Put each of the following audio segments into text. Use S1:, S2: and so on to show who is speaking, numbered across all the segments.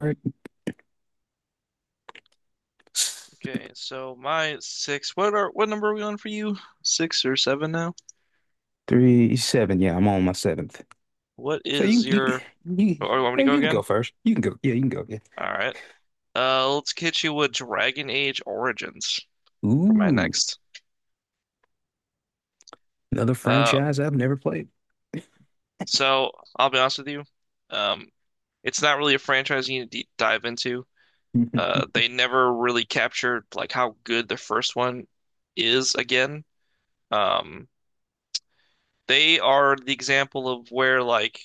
S1: Right.
S2: Okay, so my six. What number are we on for you? Six or seven now?
S1: Three, seven. Yeah, I'm on my seventh.
S2: What
S1: So you,
S2: is
S1: you,
S2: your? Oh,
S1: you,
S2: oh, you want me
S1: hey,
S2: to go
S1: you can go
S2: again?
S1: first. You can go. Yeah, you can go. Yeah.
S2: All right. Let's hit you with Dragon Age Origins for my
S1: Ooh,
S2: next.
S1: another
S2: Uh,
S1: franchise I've never played.
S2: so I'll be honest with you. Um, it's not really a franchise you need to dive into.
S1: hmm
S2: They never really captured like how good the first one is again. Um, They are the example of where like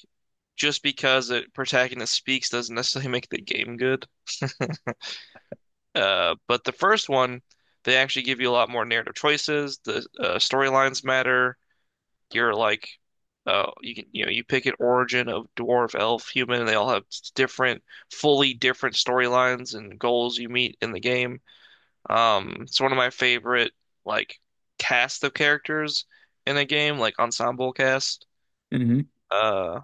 S2: just because a protagonist speaks doesn't necessarily make the game good. But the first one, they actually give you a lot more narrative choices. The storylines matter. You're like, you can you pick an origin of dwarf, elf, human, and they all have different, fully different storylines and goals you meet in the game. It's one of my favorite like cast of characters in a game, like ensemble cast. Uh,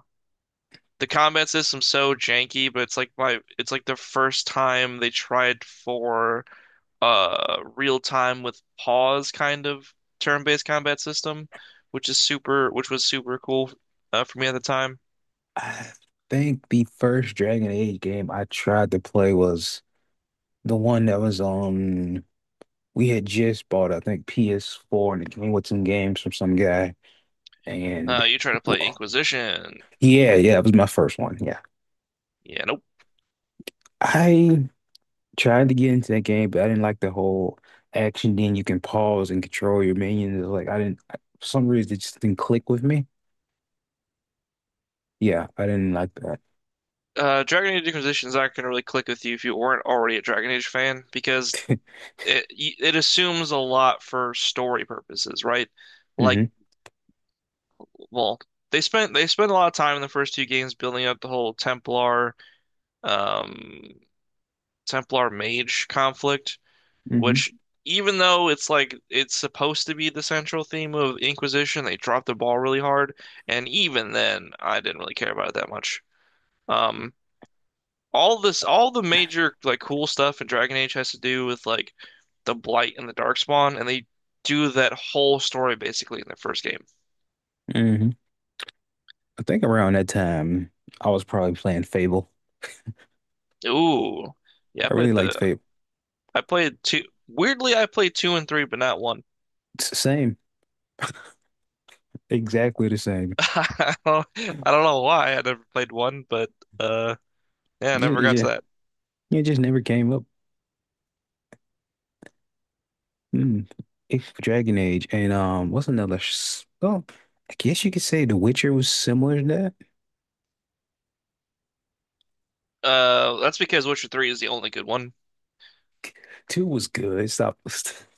S2: the combat system's so janky, but it's like the first time they tried for real time with pause kind of turn-based combat system, which is super which was super cool for me at the time.
S1: I think the first Dragon Age game I tried to play was the one that was on. We had just bought, I think, PS4, and it came with some games from some guy. And
S2: You try to play
S1: w-
S2: Inquisition.
S1: yeah, yeah, it was my first one. Yeah,
S2: Yeah, nope.
S1: I tried to get into that game, but I didn't like the whole action. Then you can pause and control your minions. Like I didn't, I- for some reason, it just didn't click with me. Yeah, I didn't like that.
S2: Dragon Age Inquisition is not going to really click with you if you weren't already a Dragon Age fan because it assumes a lot for story purposes, right? Like
S1: hmm
S2: well, they spent a lot of time in the first two games building up the whole um Templar mage conflict,
S1: hmm
S2: which even though it's supposed to be the central theme of Inquisition, they dropped the ball really hard, and even then I didn't really care about it that much. Um all this all the major like cool stuff in Dragon Age has to do with like the Blight and the Darkspawn, and they do that whole story basically in the first game.
S1: hmm I think around that time, I was probably playing Fable.
S2: Ooh. Yeah,
S1: I really liked Fable.
S2: I played two. Weirdly, I played two and three, but not one.
S1: It's the same, exactly the same.
S2: I don't know why. I never played one, but uh, yeah, I
S1: Just,
S2: never
S1: it
S2: got to
S1: just,
S2: that.
S1: it just never came up. Mm. It's Dragon Age, and what's another? Well, I guess you could say The Witcher was similar to that.
S2: That's because Witcher three is the only good one.
S1: Two was good. Stop.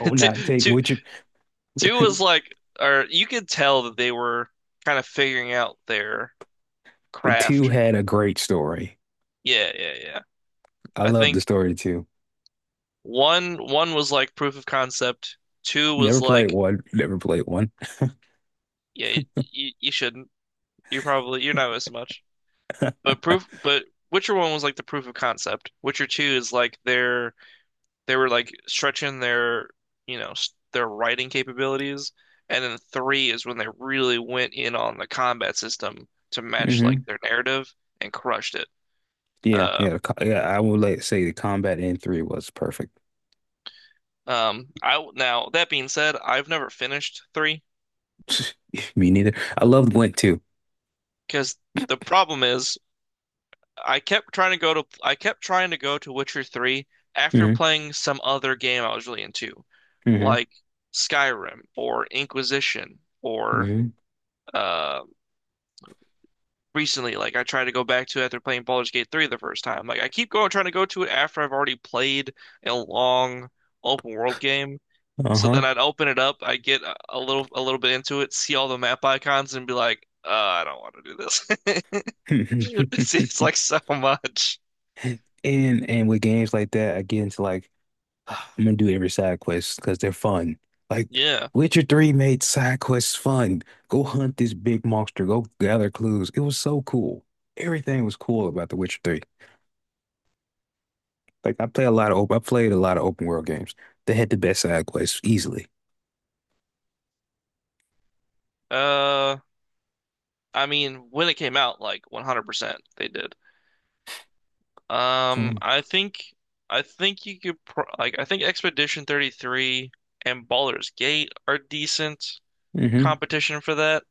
S1: Oh,
S2: Two,
S1: not take
S2: two,
S1: Witcher.
S2: two was like, or you could tell that they were kind of figuring out their
S1: But two
S2: craft.
S1: had a great story.
S2: Yeah, yeah, yeah.
S1: I
S2: I
S1: love the
S2: think
S1: story too.
S2: one was like proof of concept. Two was
S1: Never played
S2: like,
S1: one. Never played one.
S2: yeah, you shouldn't. You're not missing much. But proof, but Witcher One was like the proof of concept. Witcher Two is like they were like stretching their their writing capabilities, and then three is when they really went in on the combat system to match like
S1: Hmm
S2: their narrative and crushed it. Uh,
S1: Yeah, I would like say the combat in three was perfect.
S2: I Now that being said, I've never finished three
S1: Me neither. I loved Gwent too.
S2: because the problem is. I kept trying to go to Witcher 3 after
S1: hmm
S2: playing some other game I was really into,
S1: hmm
S2: like Skyrim or Inquisition or
S1: hmm
S2: uh recently, like I tried to go back to it after playing Baldur's Gate 3 the first time. Like I keep going trying to go to it after I've already played a long open world game. So
S1: Uh-huh.
S2: then I'd open it up, I get a little bit into it, see all the map icons and be like, I don't want to do this. It seems like so much.
S1: And with games like that, I get into like I'm gonna do every side quest because they're fun. Like
S2: Yeah.
S1: Witcher 3 made side quests fun. Go hunt this big monster. Go gather clues. It was so cool. Everything was cool about The Witcher 3. I played a lot of open world games. They had the best side quests easily.
S2: Uh I mean, when it came out, like 100% they did. Um,
S1: Um,
S2: I think I think you could pro like I think Expedition 33 and Baldur's Gate are decent
S1: hmm.
S2: competition for that.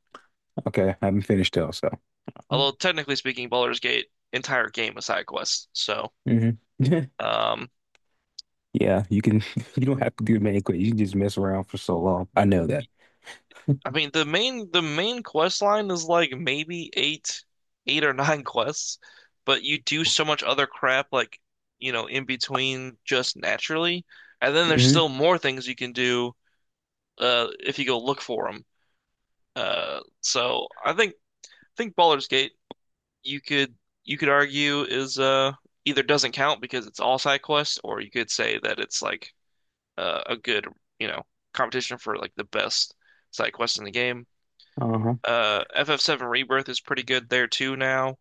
S1: Okay, I haven't finished though, so.
S2: Although technically speaking, Baldur's Gate entire game is side quests. So,
S1: hmm.
S2: um,
S1: Yeah, you can. You don't have to do many quests. You can just mess around for so long. I know that.
S2: I mean the main quest line is like maybe eight or nine quests, but you do so much other crap like you know in between just naturally, and then there's
S1: hmm.
S2: still more things you can do if you go look for them. So I think Baldur's Gate you could you could argue is either doesn't count because it's all side quests, or you could say that it's like a good you know competition for like the best side quest in the game.
S1: Uh-huh.
S2: FF7 Rebirth is pretty good there too now.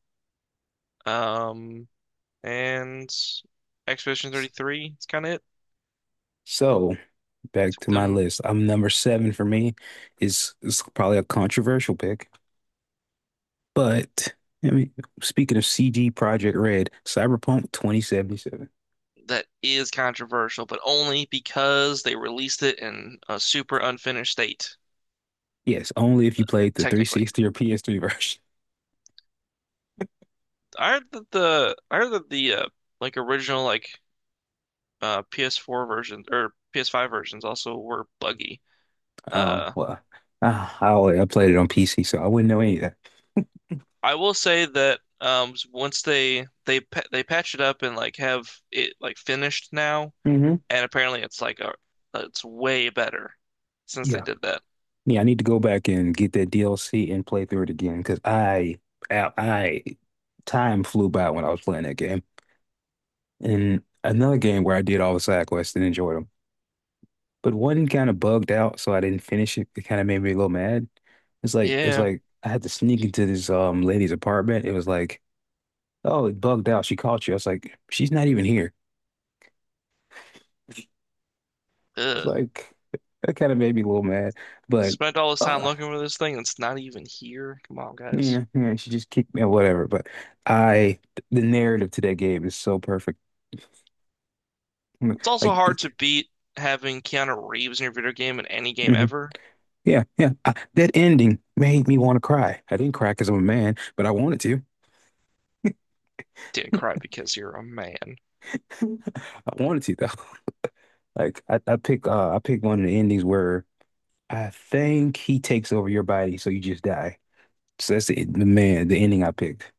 S2: Um, and Expedition
S1: S-
S2: 33 is kind of it.
S1: So back to my
S2: Them
S1: list. I'm number seven for me is probably a controversial pick, but I mean, speaking of CG Project Red, Cyberpunk 2077.
S2: That is controversial, but only because they released it in a super unfinished state.
S1: Yes, only if you played the
S2: Technically.
S1: 360 or PS3 version.
S2: Aren't the like original like PS4 versions or PS5 versions also were buggy.
S1: Oh,
S2: Uh,
S1: well, I played it on PC, so I wouldn't know any of that.
S2: I will say that once they patch it up and like have it like finished now,
S1: hmm.
S2: and apparently it's like a it's way better since they
S1: Yeah.
S2: did that.
S1: Yeah, I need to go back and get that DLC and play through it again because I, I, time flew by when I was playing that game. And another game where I did all the side quests and enjoyed them, but one kind of bugged out, so I didn't finish it. It kind of made me a little mad. It's like it's
S2: Yeah,
S1: like I had to sneak into this lady's apartment. It was like, oh, it bugged out. She caught you. I was like, she's not even here.
S2: ugh.
S1: Like that kind of made me a little mad, but
S2: Spent all this time
S1: uh,
S2: looking for this thing, and it's not even here. Come on, guys.
S1: yeah, yeah, she just kicked me or whatever. But I, the narrative to that game is so perfect. Mm,
S2: It's also
S1: Like,
S2: hard
S1: it,
S2: to beat having Keanu Reeves in your video game in any game
S1: mhm.
S2: ever.
S1: Yeah, yeah. That ending made me want to cry. I didn't cry because I'm a man, but I wanted to.
S2: Didn't cry because you're a man.
S1: I wanted to though. I pick one of the endings where I think he takes over your body, so you just die. So that's the man, the ending I picked.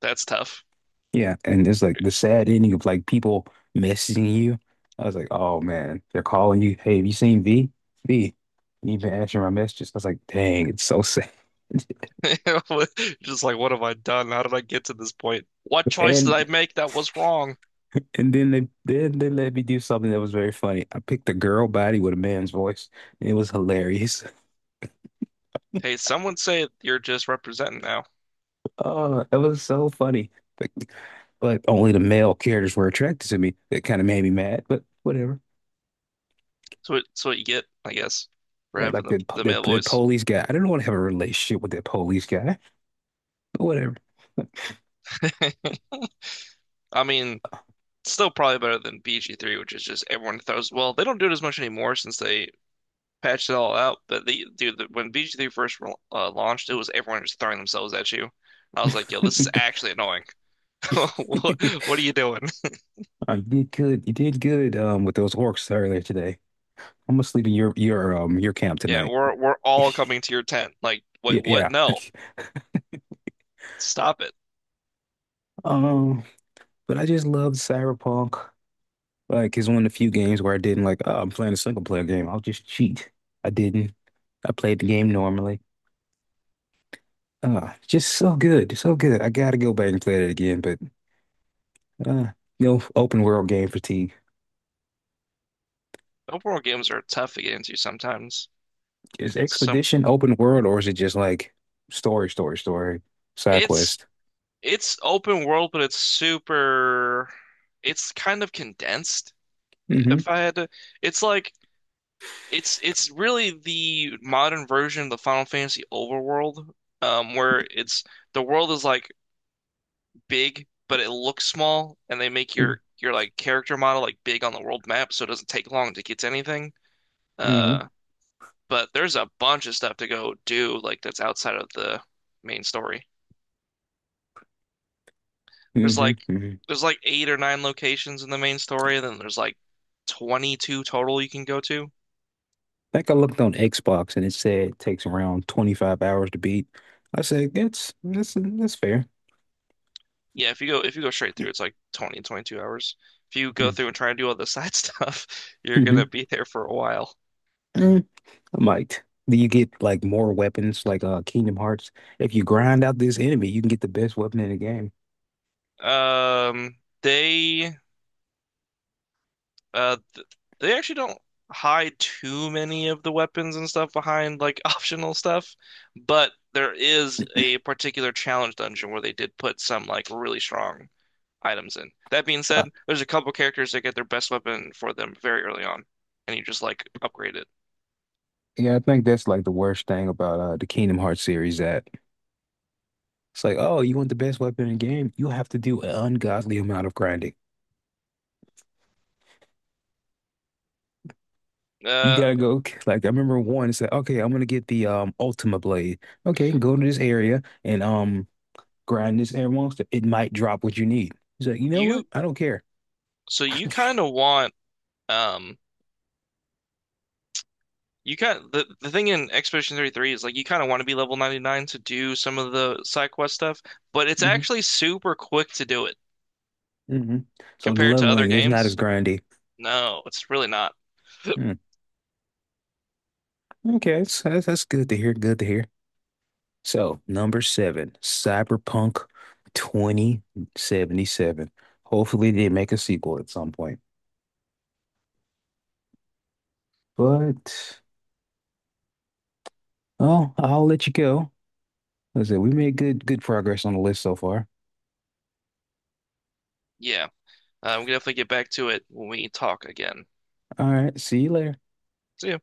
S2: That's tough.
S1: Yeah, and it's like the sad ending of like people messaging you. I was like, oh man, they're calling you. Hey, have you seen V? V, you been answering my messages. I was like, dang, it's so sad.
S2: Just like, what have I done? How did I get to this point? What choice did I
S1: And
S2: make that was wrong?
S1: then they let me do something that was very funny. I picked a girl body with a man's voice. And it was hilarious.
S2: Hey, someone say you're just representing now.
S1: Oh, it was so funny. But, but only the male characters were attracted to me. That kind of made me mad, but whatever.
S2: So it's what you get, I guess, for
S1: Yeah,
S2: having
S1: like
S2: the male
S1: that
S2: voice.
S1: police guy. I didn't want to have a relationship with that police guy. Whatever.
S2: I mean, it's still probably better than BG3, which is just everyone throws. Well, they don't do it as much anymore since they patched it all out. But they, dude, when bg three first launched, it was everyone just throwing themselves at you. I was like, yo, this is actually annoying. What are you doing?
S1: I did good. You did good with those orcs earlier today. I'm gonna sleep in your camp
S2: Yeah,
S1: tonight.
S2: we're all coming to your tent. Like, what?
S1: Yeah,
S2: What?
S1: yeah.
S2: No, stop it.
S1: Um, but I just loved Cyberpunk. Like it's one of the few games where I didn't like, oh, I'm playing a single player game. I'll just cheat. I didn't. I played the game normally. Just so good, so good. I gotta go back and play that again, but uh, you know, open world game fatigue.
S2: Open world games are tough to get into sometimes.
S1: Is
S2: Some
S1: Expedition open world or is it just like story, side
S2: It's
S1: quest?
S2: open world, but it's super. It's kind of condensed.
S1: Mm-hmm.
S2: If I had to, It's like it's really the modern version of the Final Fantasy overworld, where it's the world is like big, but it looks small, and they make your like character model like big on the world map, so it doesn't take long to get to anything.
S1: Mm-hmm.
S2: Uh, But there's a bunch of stuff to go do, like that's outside of the main story. There's
S1: Mm-hmm.
S2: like
S1: Mm-hmm.
S2: there's like eight or nine locations in the main story, and then there's like 22 total you can go to.
S1: I think I looked on Xbox and it said it takes around 25 hours to beat. I said, that's that's fair.
S2: Yeah, if you go straight through, it's like 20, 22 hours. If you go
S1: Mm.
S2: through and try and do all the side stuff, you're gonna
S1: Mm-hmm.
S2: be there for a while.
S1: Mm, I might. Do you get like more weapons like Kingdom Hearts? If you grind out this enemy, you can get the best weapon in the game.
S2: Um, they Uh, th they actually don't hide too many of the weapons and stuff behind like optional stuff, but there is a particular challenge dungeon where they did put some like really strong items in. That being said, there's a couple characters that get their best weapon for them very early on, and you just like upgrade it.
S1: Yeah, I think that's like the worst thing about the Kingdom Hearts series that it's like, oh, you want the best weapon in the game? You have to do an ungodly amount of grinding. You
S2: Uh,
S1: gotta go like I remember one said, okay, I'm gonna get the Ultima Blade. Okay, go to this area and grind this air monster. It might drop what you need. He's like, you know what?
S2: you
S1: I don't care.
S2: So you kind of want um. You kind the thing in Expedition 33 is like you kind of want to be level 99 to do some of the side quest stuff, but it's
S1: hmm
S2: actually super quick to do it.
S1: hmm. So the
S2: Compared to other
S1: leveling is not as
S2: games,
S1: grindy.
S2: no, it's really not.
S1: Hmm. Okay, that's that's good to hear. Good to hear. So, number seven, Cyberpunk 2077. Hopefully, they make a sequel at some point. But, oh, I'll let you go. As I said, we made good progress on the list so far.
S2: Yeah, we can definitely get back to it when we talk again.
S1: All right, see you later.
S2: See ya.